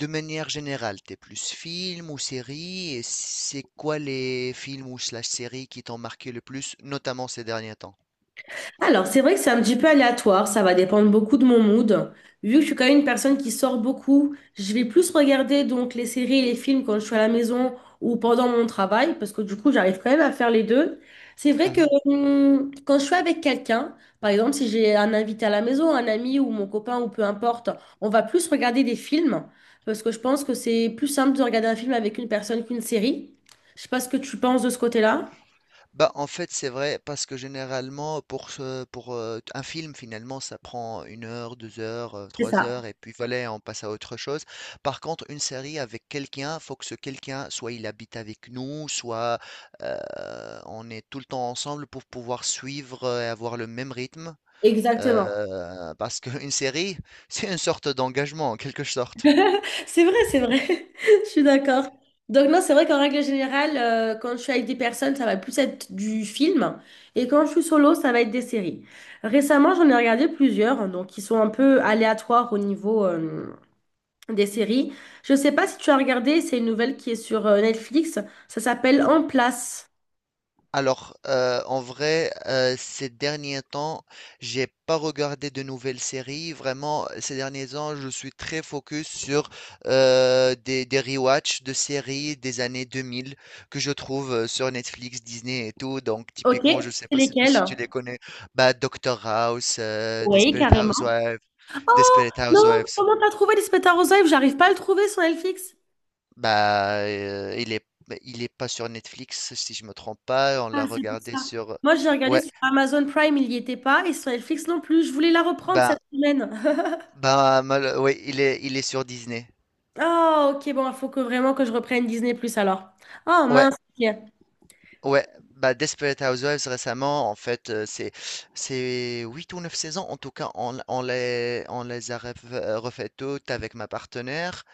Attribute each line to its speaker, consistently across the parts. Speaker 1: De manière générale, t'es plus film ou série, et c'est quoi les films ou slash séries qui t'ont marqué le plus, notamment ces derniers temps?
Speaker 2: Alors, c'est vrai que c'est un petit peu aléatoire, ça va dépendre beaucoup de mon mood. Vu que je suis quand même une personne qui sort beaucoup, je vais plus regarder donc les séries et les films quand je suis à la maison ou pendant mon travail, parce que du coup, j'arrive quand même à faire les deux. C'est vrai que quand je suis avec quelqu'un, par exemple, si j'ai un invité à la maison, un ami ou mon copain ou peu importe, on va plus regarder des films, parce que je pense que c'est plus simple de regarder un film avec une personne qu'une série. Je sais pas ce que tu penses de ce côté-là.
Speaker 1: Bah, en fait, c'est vrai parce que généralement, pour un film, finalement, ça prend une heure, 2 heures,
Speaker 2: C'est
Speaker 1: 3
Speaker 2: ça.
Speaker 1: heures et puis voilà, on passe à autre chose. Par contre, une série avec quelqu'un, faut que ce quelqu'un, soit il habite avec nous, soit, heu, on est tout le temps ensemble pour pouvoir suivre, et avoir le même rythme,
Speaker 2: Exactement.
Speaker 1: parce qu'une série, c'est une sorte d'engagement, en quelque sorte.
Speaker 2: C'est vrai, c'est vrai. Je suis d'accord. Donc non, c'est vrai qu'en règle générale, quand je suis avec des personnes, ça va plus être du film. Et quand je suis solo, ça va être des séries. Récemment, j'en ai regardé plusieurs, hein, donc qui sont un peu aléatoires au niveau des séries. Je sais pas si tu as regardé, c'est une nouvelle qui est sur Netflix. Ça s'appelle En place.
Speaker 1: En vrai, ces derniers temps, j'ai pas regardé de nouvelles séries. Vraiment, ces derniers temps, je suis très focus sur des rewatch de séries des années 2000 que je trouve sur Netflix, Disney et tout. Donc,
Speaker 2: Ok,
Speaker 1: typiquement, je sais
Speaker 2: c'est
Speaker 1: pas si
Speaker 2: lesquelles?
Speaker 1: tu les connais. Bah, Doctor House,
Speaker 2: Oui,
Speaker 1: Desperate
Speaker 2: carrément.
Speaker 1: Housewives.
Speaker 2: Oh,
Speaker 1: Desperate
Speaker 2: non,
Speaker 1: Housewives.
Speaker 2: comment t'as trouvé Lisbeth Arrosaïev? J'arrive pas à le trouver sur Netflix.
Speaker 1: Bah, il est pas sur Netflix, si je me trompe pas. On
Speaker 2: Ah,
Speaker 1: l'a
Speaker 2: c'est pour
Speaker 1: regardé
Speaker 2: ça.
Speaker 1: sur,
Speaker 2: Moi, j'ai regardé
Speaker 1: ouais.
Speaker 2: sur Amazon Prime, il n'y était pas, et sur Netflix non plus. Je voulais la reprendre
Speaker 1: Ben,
Speaker 2: cette semaine.
Speaker 1: Bah, oui, il est sur Disney.
Speaker 2: Ah, ok, bon, il faut que vraiment que je reprenne Disney Plus alors. Oh
Speaker 1: Ouais,
Speaker 2: mince. Ok.
Speaker 1: ouais. Bah, Desperate Housewives récemment, en fait, c'est 8 ou 9 saisons. En tout cas, on les a refait toutes avec ma partenaire.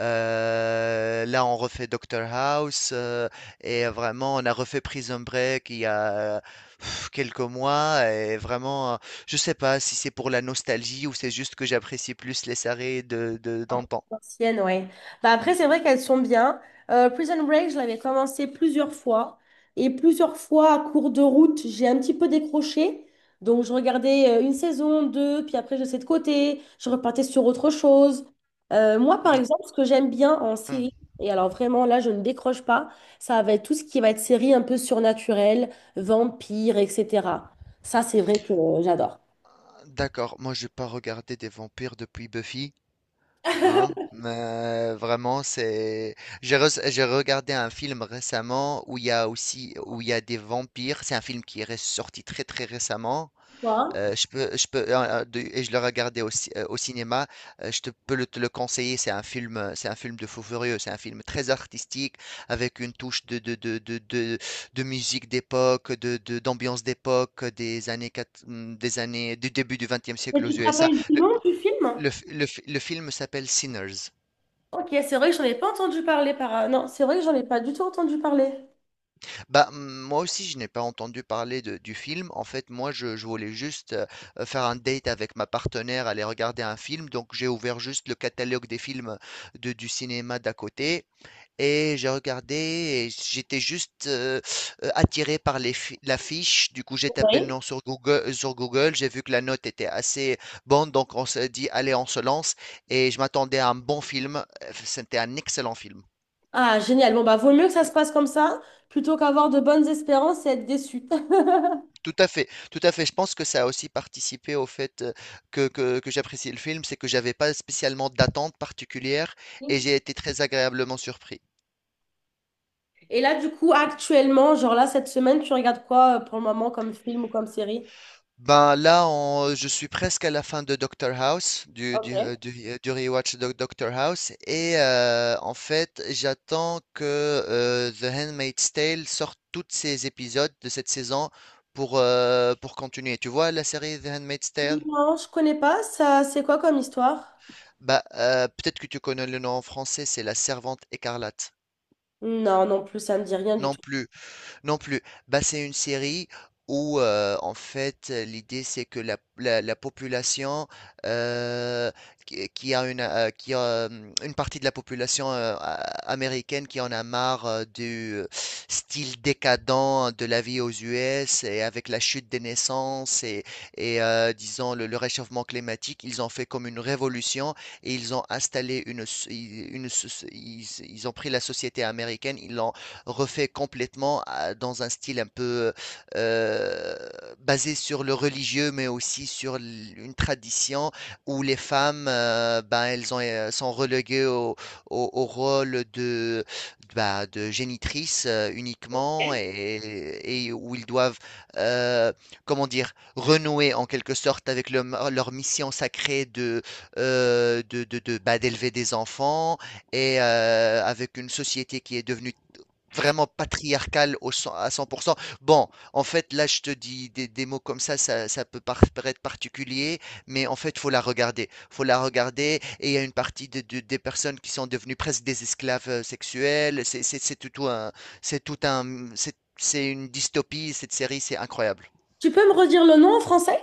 Speaker 1: Là, on refait Doctor House. Et vraiment, on a refait Prison Break il y a quelques mois. Et vraiment, je sais pas si c'est pour la nostalgie ou c'est juste que j'apprécie plus les séries d'antan.
Speaker 2: Anciennes, ouais. Bah après, c'est vrai qu'elles sont bien. Prison Break, je l'avais commencé plusieurs fois. Et plusieurs fois, à cours de route, j'ai un petit peu décroché. Donc, je regardais une saison, deux, puis après, je laissais de côté. Je repartais sur autre chose. Moi, par
Speaker 1: Mm.
Speaker 2: exemple, ce que j'aime bien en série, et alors vraiment, là, je ne décroche pas, ça va être tout ce qui va être série un peu surnaturelle, vampire, etc. Ça, c'est vrai que j'adore.
Speaker 1: D'accord, moi j'ai pas regardé des vampires depuis Buffy, hein, mais vraiment c'est. J'ai regardé un film récemment où il y a aussi où il y a des vampires, c'est un film qui est sorti très très récemment.
Speaker 2: Toi?
Speaker 1: Je peux, de et Je l'ai regardé au cin au cinéma. Je te peux le te le conseiller. C'est un film de fou furieux. C'est un film très artistique avec une touche de musique d'époque, de d'ambiance d'époque, des années du début du XXe
Speaker 2: Et
Speaker 1: siècle aux
Speaker 2: tu te
Speaker 1: USA.
Speaker 2: rappelles du
Speaker 1: Le
Speaker 2: nom du film?
Speaker 1: le f le f le film s'appelle Sinners.
Speaker 2: Ok, c'est vrai que j'en ai pas entendu parler par... Non, c'est vrai que j'en ai pas du tout entendu parler.
Speaker 1: Bah, moi aussi, je n'ai pas entendu parler de du film. En fait, moi, je voulais juste, faire un date avec ma partenaire, aller regarder un film. Donc, j'ai ouvert juste le catalogue des films de du cinéma d'à côté et j'ai regardé et j'étais juste, attiré par les fi l'affiche. Du coup, j'ai tapé le
Speaker 2: Oui.
Speaker 1: nom sur Google. J'ai vu que la note était assez bonne, donc on s'est dit: «Allez, on se lance» et je m'attendais à un bon film. C'était un excellent film.
Speaker 2: Ah, génial. Bon, bah, vaut mieux que ça se passe comme ça plutôt qu'avoir de bonnes espérances et être déçu.
Speaker 1: Tout à fait, tout à fait. Je pense que ça a aussi participé au fait que j'apprécie le film, c'est que j'avais pas spécialement d'attente particulière et j'ai été très agréablement surpris.
Speaker 2: Et là, du coup, actuellement, genre là, cette semaine, tu regardes quoi pour le moment comme film ou comme série?
Speaker 1: Ben là, je suis presque à la fin de Doctor House,
Speaker 2: Ok.
Speaker 1: du rewatch de Doctor House, et en fait, j'attends que The Handmaid's Tale sorte tous ses épisodes de cette saison pour continuer. Tu vois la série The Handmaid's Tale?
Speaker 2: Non, je connais pas. Ça, c'est quoi comme histoire?
Speaker 1: Bah, peut-être que tu connais le nom en français, c'est la Servante écarlate.
Speaker 2: Non, non plus, ça me dit rien du
Speaker 1: Non
Speaker 2: tout.
Speaker 1: plus. Non plus. Bah, c'est une série où, en fait, l'idée, c'est que la population, euh, qui a une partie de la population américaine qui en a marre du style décadent de la vie aux US et avec la chute des naissances et, disons, le réchauffement climatique, ils ont fait comme une révolution et ils ont installé ils ont pris la société américaine, ils l'ont refait complètement dans un style un peu euh, basé sur le religieux, mais aussi sur une tradition où les femmes, ben, elles ont, sont reléguées au rôle de, bah, de génitrice uniquement et où ils doivent, euh, comment dire, renouer en quelque sorte avec leur mission sacrée de, bah, d'élever des enfants et avec une société qui est devenue vraiment patriarcale à 100%. Bon, en fait, là, je te dis des mots comme ça peut paraître particulier, mais en fait, faut la regarder. Faut la regarder, et il y a une partie des personnes qui sont devenues presque des esclaves sexuels. C'est tout un, c'est tout un, c'est une dystopie, cette série, c'est incroyable.
Speaker 2: Tu peux me redire le nom en français?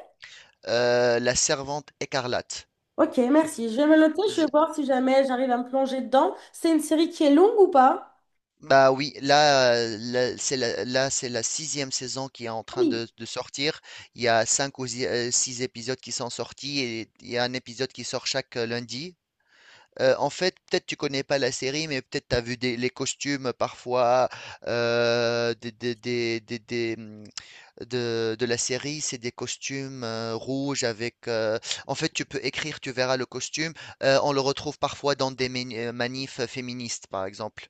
Speaker 1: La Servante écarlate.
Speaker 2: Ok, merci. Je vais me le noter. Je vais voir si jamais j'arrive à me plonger dedans. C'est une série qui est longue ou pas?
Speaker 1: Bah oui, là, c'est la sixième saison qui est en train
Speaker 2: Oui.
Speaker 1: de sortir. Il y a cinq ou six épisodes qui sont sortis et il y a un épisode qui sort chaque lundi. En fait, peut-être tu connais pas la série, mais peut-être tu as vu les costumes parfois euh, des, des- des- des- des, hum, de la série. C'est des costumes rouges avec. En fait, tu peux écrire, tu verras le costume. On le retrouve parfois dans des manifs féministes, par exemple.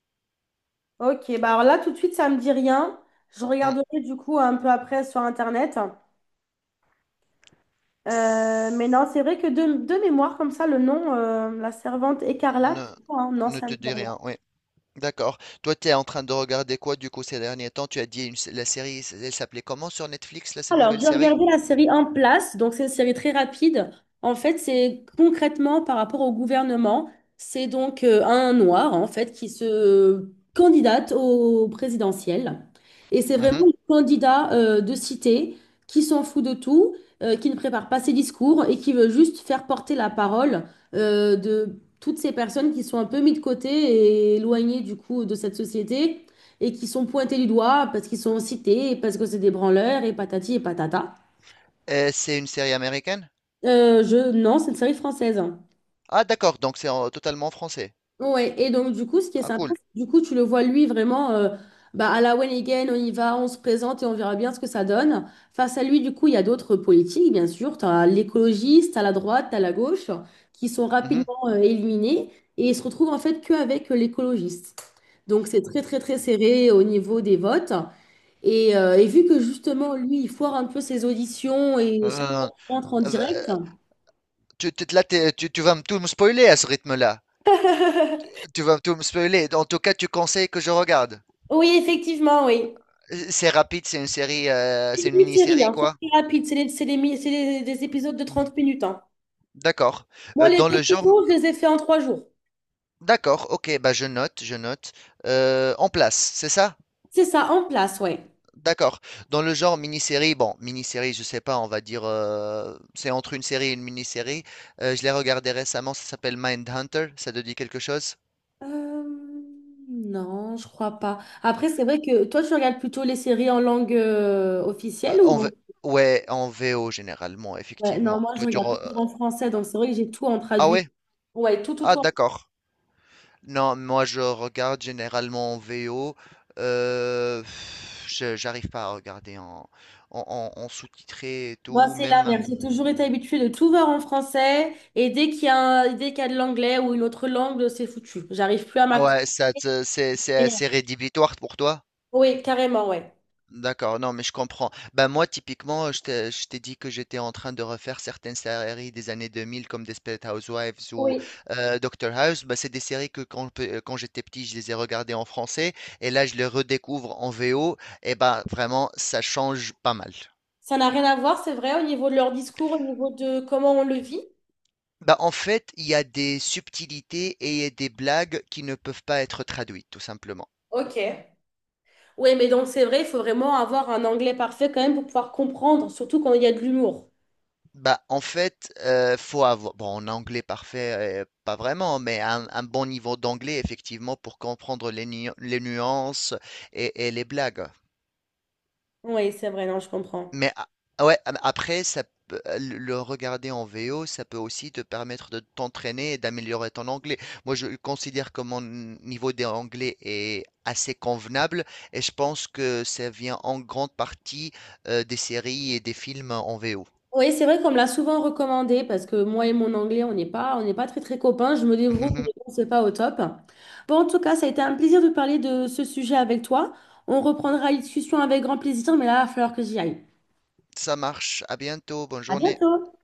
Speaker 2: Ok, bah alors là tout de suite ça me dit rien. Je
Speaker 1: Mm.
Speaker 2: regarderai du coup un peu après sur internet. Mais non,
Speaker 1: S-
Speaker 2: c'est vrai que de mémoire comme ça, le nom, la servante écarlate,
Speaker 1: Ne,
Speaker 2: hein, non,
Speaker 1: Ne
Speaker 2: ça
Speaker 1: te
Speaker 2: me dit
Speaker 1: dis
Speaker 2: rien.
Speaker 1: rien, oui. D'accord. Toi, tu es en train de regarder quoi du coup ces derniers temps? Tu as dit la série, elle s'appelait comment sur Netflix, là, cette
Speaker 2: Alors,
Speaker 1: nouvelle
Speaker 2: j'ai
Speaker 1: série?
Speaker 2: regardé la série En place, donc c'est une série très rapide. En fait, c'est concrètement par rapport au gouvernement. C'est donc un noir, en fait, qui se candidate au présidentiel. Et c'est vraiment
Speaker 1: Mhm.
Speaker 2: le candidat de cité qui s'en fout de tout, qui ne prépare pas ses discours et qui veut juste faire porter la parole de toutes ces personnes qui sont un peu mises de côté et éloignées du coup de cette société et qui sont pointés du doigt parce qu'ils sont cités, et parce que c'est des branleurs, et patati et patata.
Speaker 1: Et c'est une série américaine?
Speaker 2: Non, c'est une série française.
Speaker 1: Ah, d'accord, donc c'est totalement français.
Speaker 2: Ouais, et donc du coup, ce qui est
Speaker 1: Ah,
Speaker 2: sympa,
Speaker 1: cool.
Speaker 2: c'est que du coup, tu le vois lui vraiment bah, à la one again, on y va, on se présente et on verra bien ce que ça donne. Face à lui, du coup, il y a d'autres politiques, bien sûr. Tu as l'écologiste, à la droite, tu la gauche, qui sont
Speaker 1: Mhm.
Speaker 2: rapidement éliminés et ils se retrouvent en fait qu'avec l'écologiste. Donc c'est très, très, très serré au niveau des votes. Et vu que justement, lui, il foire un peu ses auditions et chaque
Speaker 1: Euh,
Speaker 2: fois qu'il rentre en direct,
Speaker 1: euh, là, tu vas me tout me spoiler à ce rythme-là. Tu vas tout me spoiler. En tout cas, tu conseilles que je regarde.
Speaker 2: oui, effectivement, oui.
Speaker 1: C'est rapide, c'est une série,
Speaker 2: C'est
Speaker 1: c'est
Speaker 2: des
Speaker 1: une
Speaker 2: mini-séries,
Speaker 1: mini-série,
Speaker 2: hein, c'est
Speaker 1: quoi.
Speaker 2: très rapide, c'est les mi- c'est les- des épisodes de
Speaker 1: Mhm.
Speaker 2: 30 minutes, hein.
Speaker 1: D'accord.
Speaker 2: Moi,
Speaker 1: Euh,
Speaker 2: les
Speaker 1: dans
Speaker 2: deux
Speaker 1: le genre.
Speaker 2: saisons, je les ai fait en 3 jours.
Speaker 1: D'accord, ok, bah je note, je note. En place, c'est ça?
Speaker 2: C'est ça, en place, ouais.
Speaker 1: D'accord. Dans le genre mini-série, bon, mini-série, je sais pas, on va dire, c'est entre une série et une mini-série. Je l'ai regardé récemment, ça s'appelle Mindhunter, ça te dit quelque chose?
Speaker 2: Euh, non, je crois pas. Après, c'est vrai que toi, tu regardes plutôt les séries en langue
Speaker 1: Euh,
Speaker 2: officielle ou...
Speaker 1: en
Speaker 2: en-
Speaker 1: V- Ouais, en VO généralement,
Speaker 2: ouais, non,
Speaker 1: effectivement.
Speaker 2: moi, je
Speaker 1: Toi, tu
Speaker 2: regarde
Speaker 1: re- euh,
Speaker 2: toujours en français, donc c'est vrai que j'ai tout en
Speaker 1: Ah
Speaker 2: traduit.
Speaker 1: ouais?
Speaker 2: Ouais, tout, tout,
Speaker 1: Ah
Speaker 2: tout.
Speaker 1: d'accord. Non, moi je regarde généralement en VO. J'arrive pas à regarder en- en sous-titré et
Speaker 2: Moi,
Speaker 1: tout,
Speaker 2: c'est
Speaker 1: même.
Speaker 2: l'inverse. J'ai toujours été habituée de tout voir en français et dès qu'il y a un- dès qu'il y a de l'anglais ou une autre langue, c'est foutu. J'arrive plus à m'accrocher.
Speaker 1: Ouais, c'est assez rédhibitoire pour toi?
Speaker 2: Oui, carrément, ouais.
Speaker 1: D'accord, non, mais je comprends. Ben moi, typiquement, je t'ai dit que j'étais en train de refaire certaines séries des années 2000, comme Desperate Housewives ou
Speaker 2: Oui.
Speaker 1: Doctor House. Ben, c'est des séries que quand j'étais petit, je les ai regardées en français et là, je les redécouvre en VO. Et ben vraiment, ça change pas mal.
Speaker 2: Ça n'a rien à voir, c'est vrai, au niveau de leur discours, au niveau de comment on le vit.
Speaker 1: Ben, en fait, il y a des subtilités et des blagues qui ne peuvent pas être traduites, tout simplement.
Speaker 2: Ok. Oui, mais donc c'est vrai, il faut vraiment avoir un anglais parfait quand même pour pouvoir comprendre, surtout quand il y a de l'humour.
Speaker 1: Bah, en fait, faut avoir. Bon, en anglais parfait, pas vraiment, mais un bon niveau d'anglais, effectivement, pour comprendre les nuances et les blagues.
Speaker 2: Oui, c'est vrai, non, je comprends.
Speaker 1: Mais ah, ouais, après, le regarder en VO, ça peut aussi te permettre de t'entraîner et d'améliorer ton anglais. Moi, je considère que mon niveau d'anglais est assez convenable et je pense que ça vient en grande partie des séries et des films en VO.
Speaker 2: Oui, c'est vrai qu'on me l'a souvent recommandé parce que moi et mon anglais, on n'est pas très très copains. Je me débrouille, mais bon, c'est pas au top. Bon, en tout cas, ça a été un plaisir de parler de ce sujet avec toi. On reprendra la discussion avec grand plaisir, mais là, il va falloir que j'y aille.
Speaker 1: Ça marche. À bientôt. Bonne
Speaker 2: À
Speaker 1: journée.
Speaker 2: bientôt!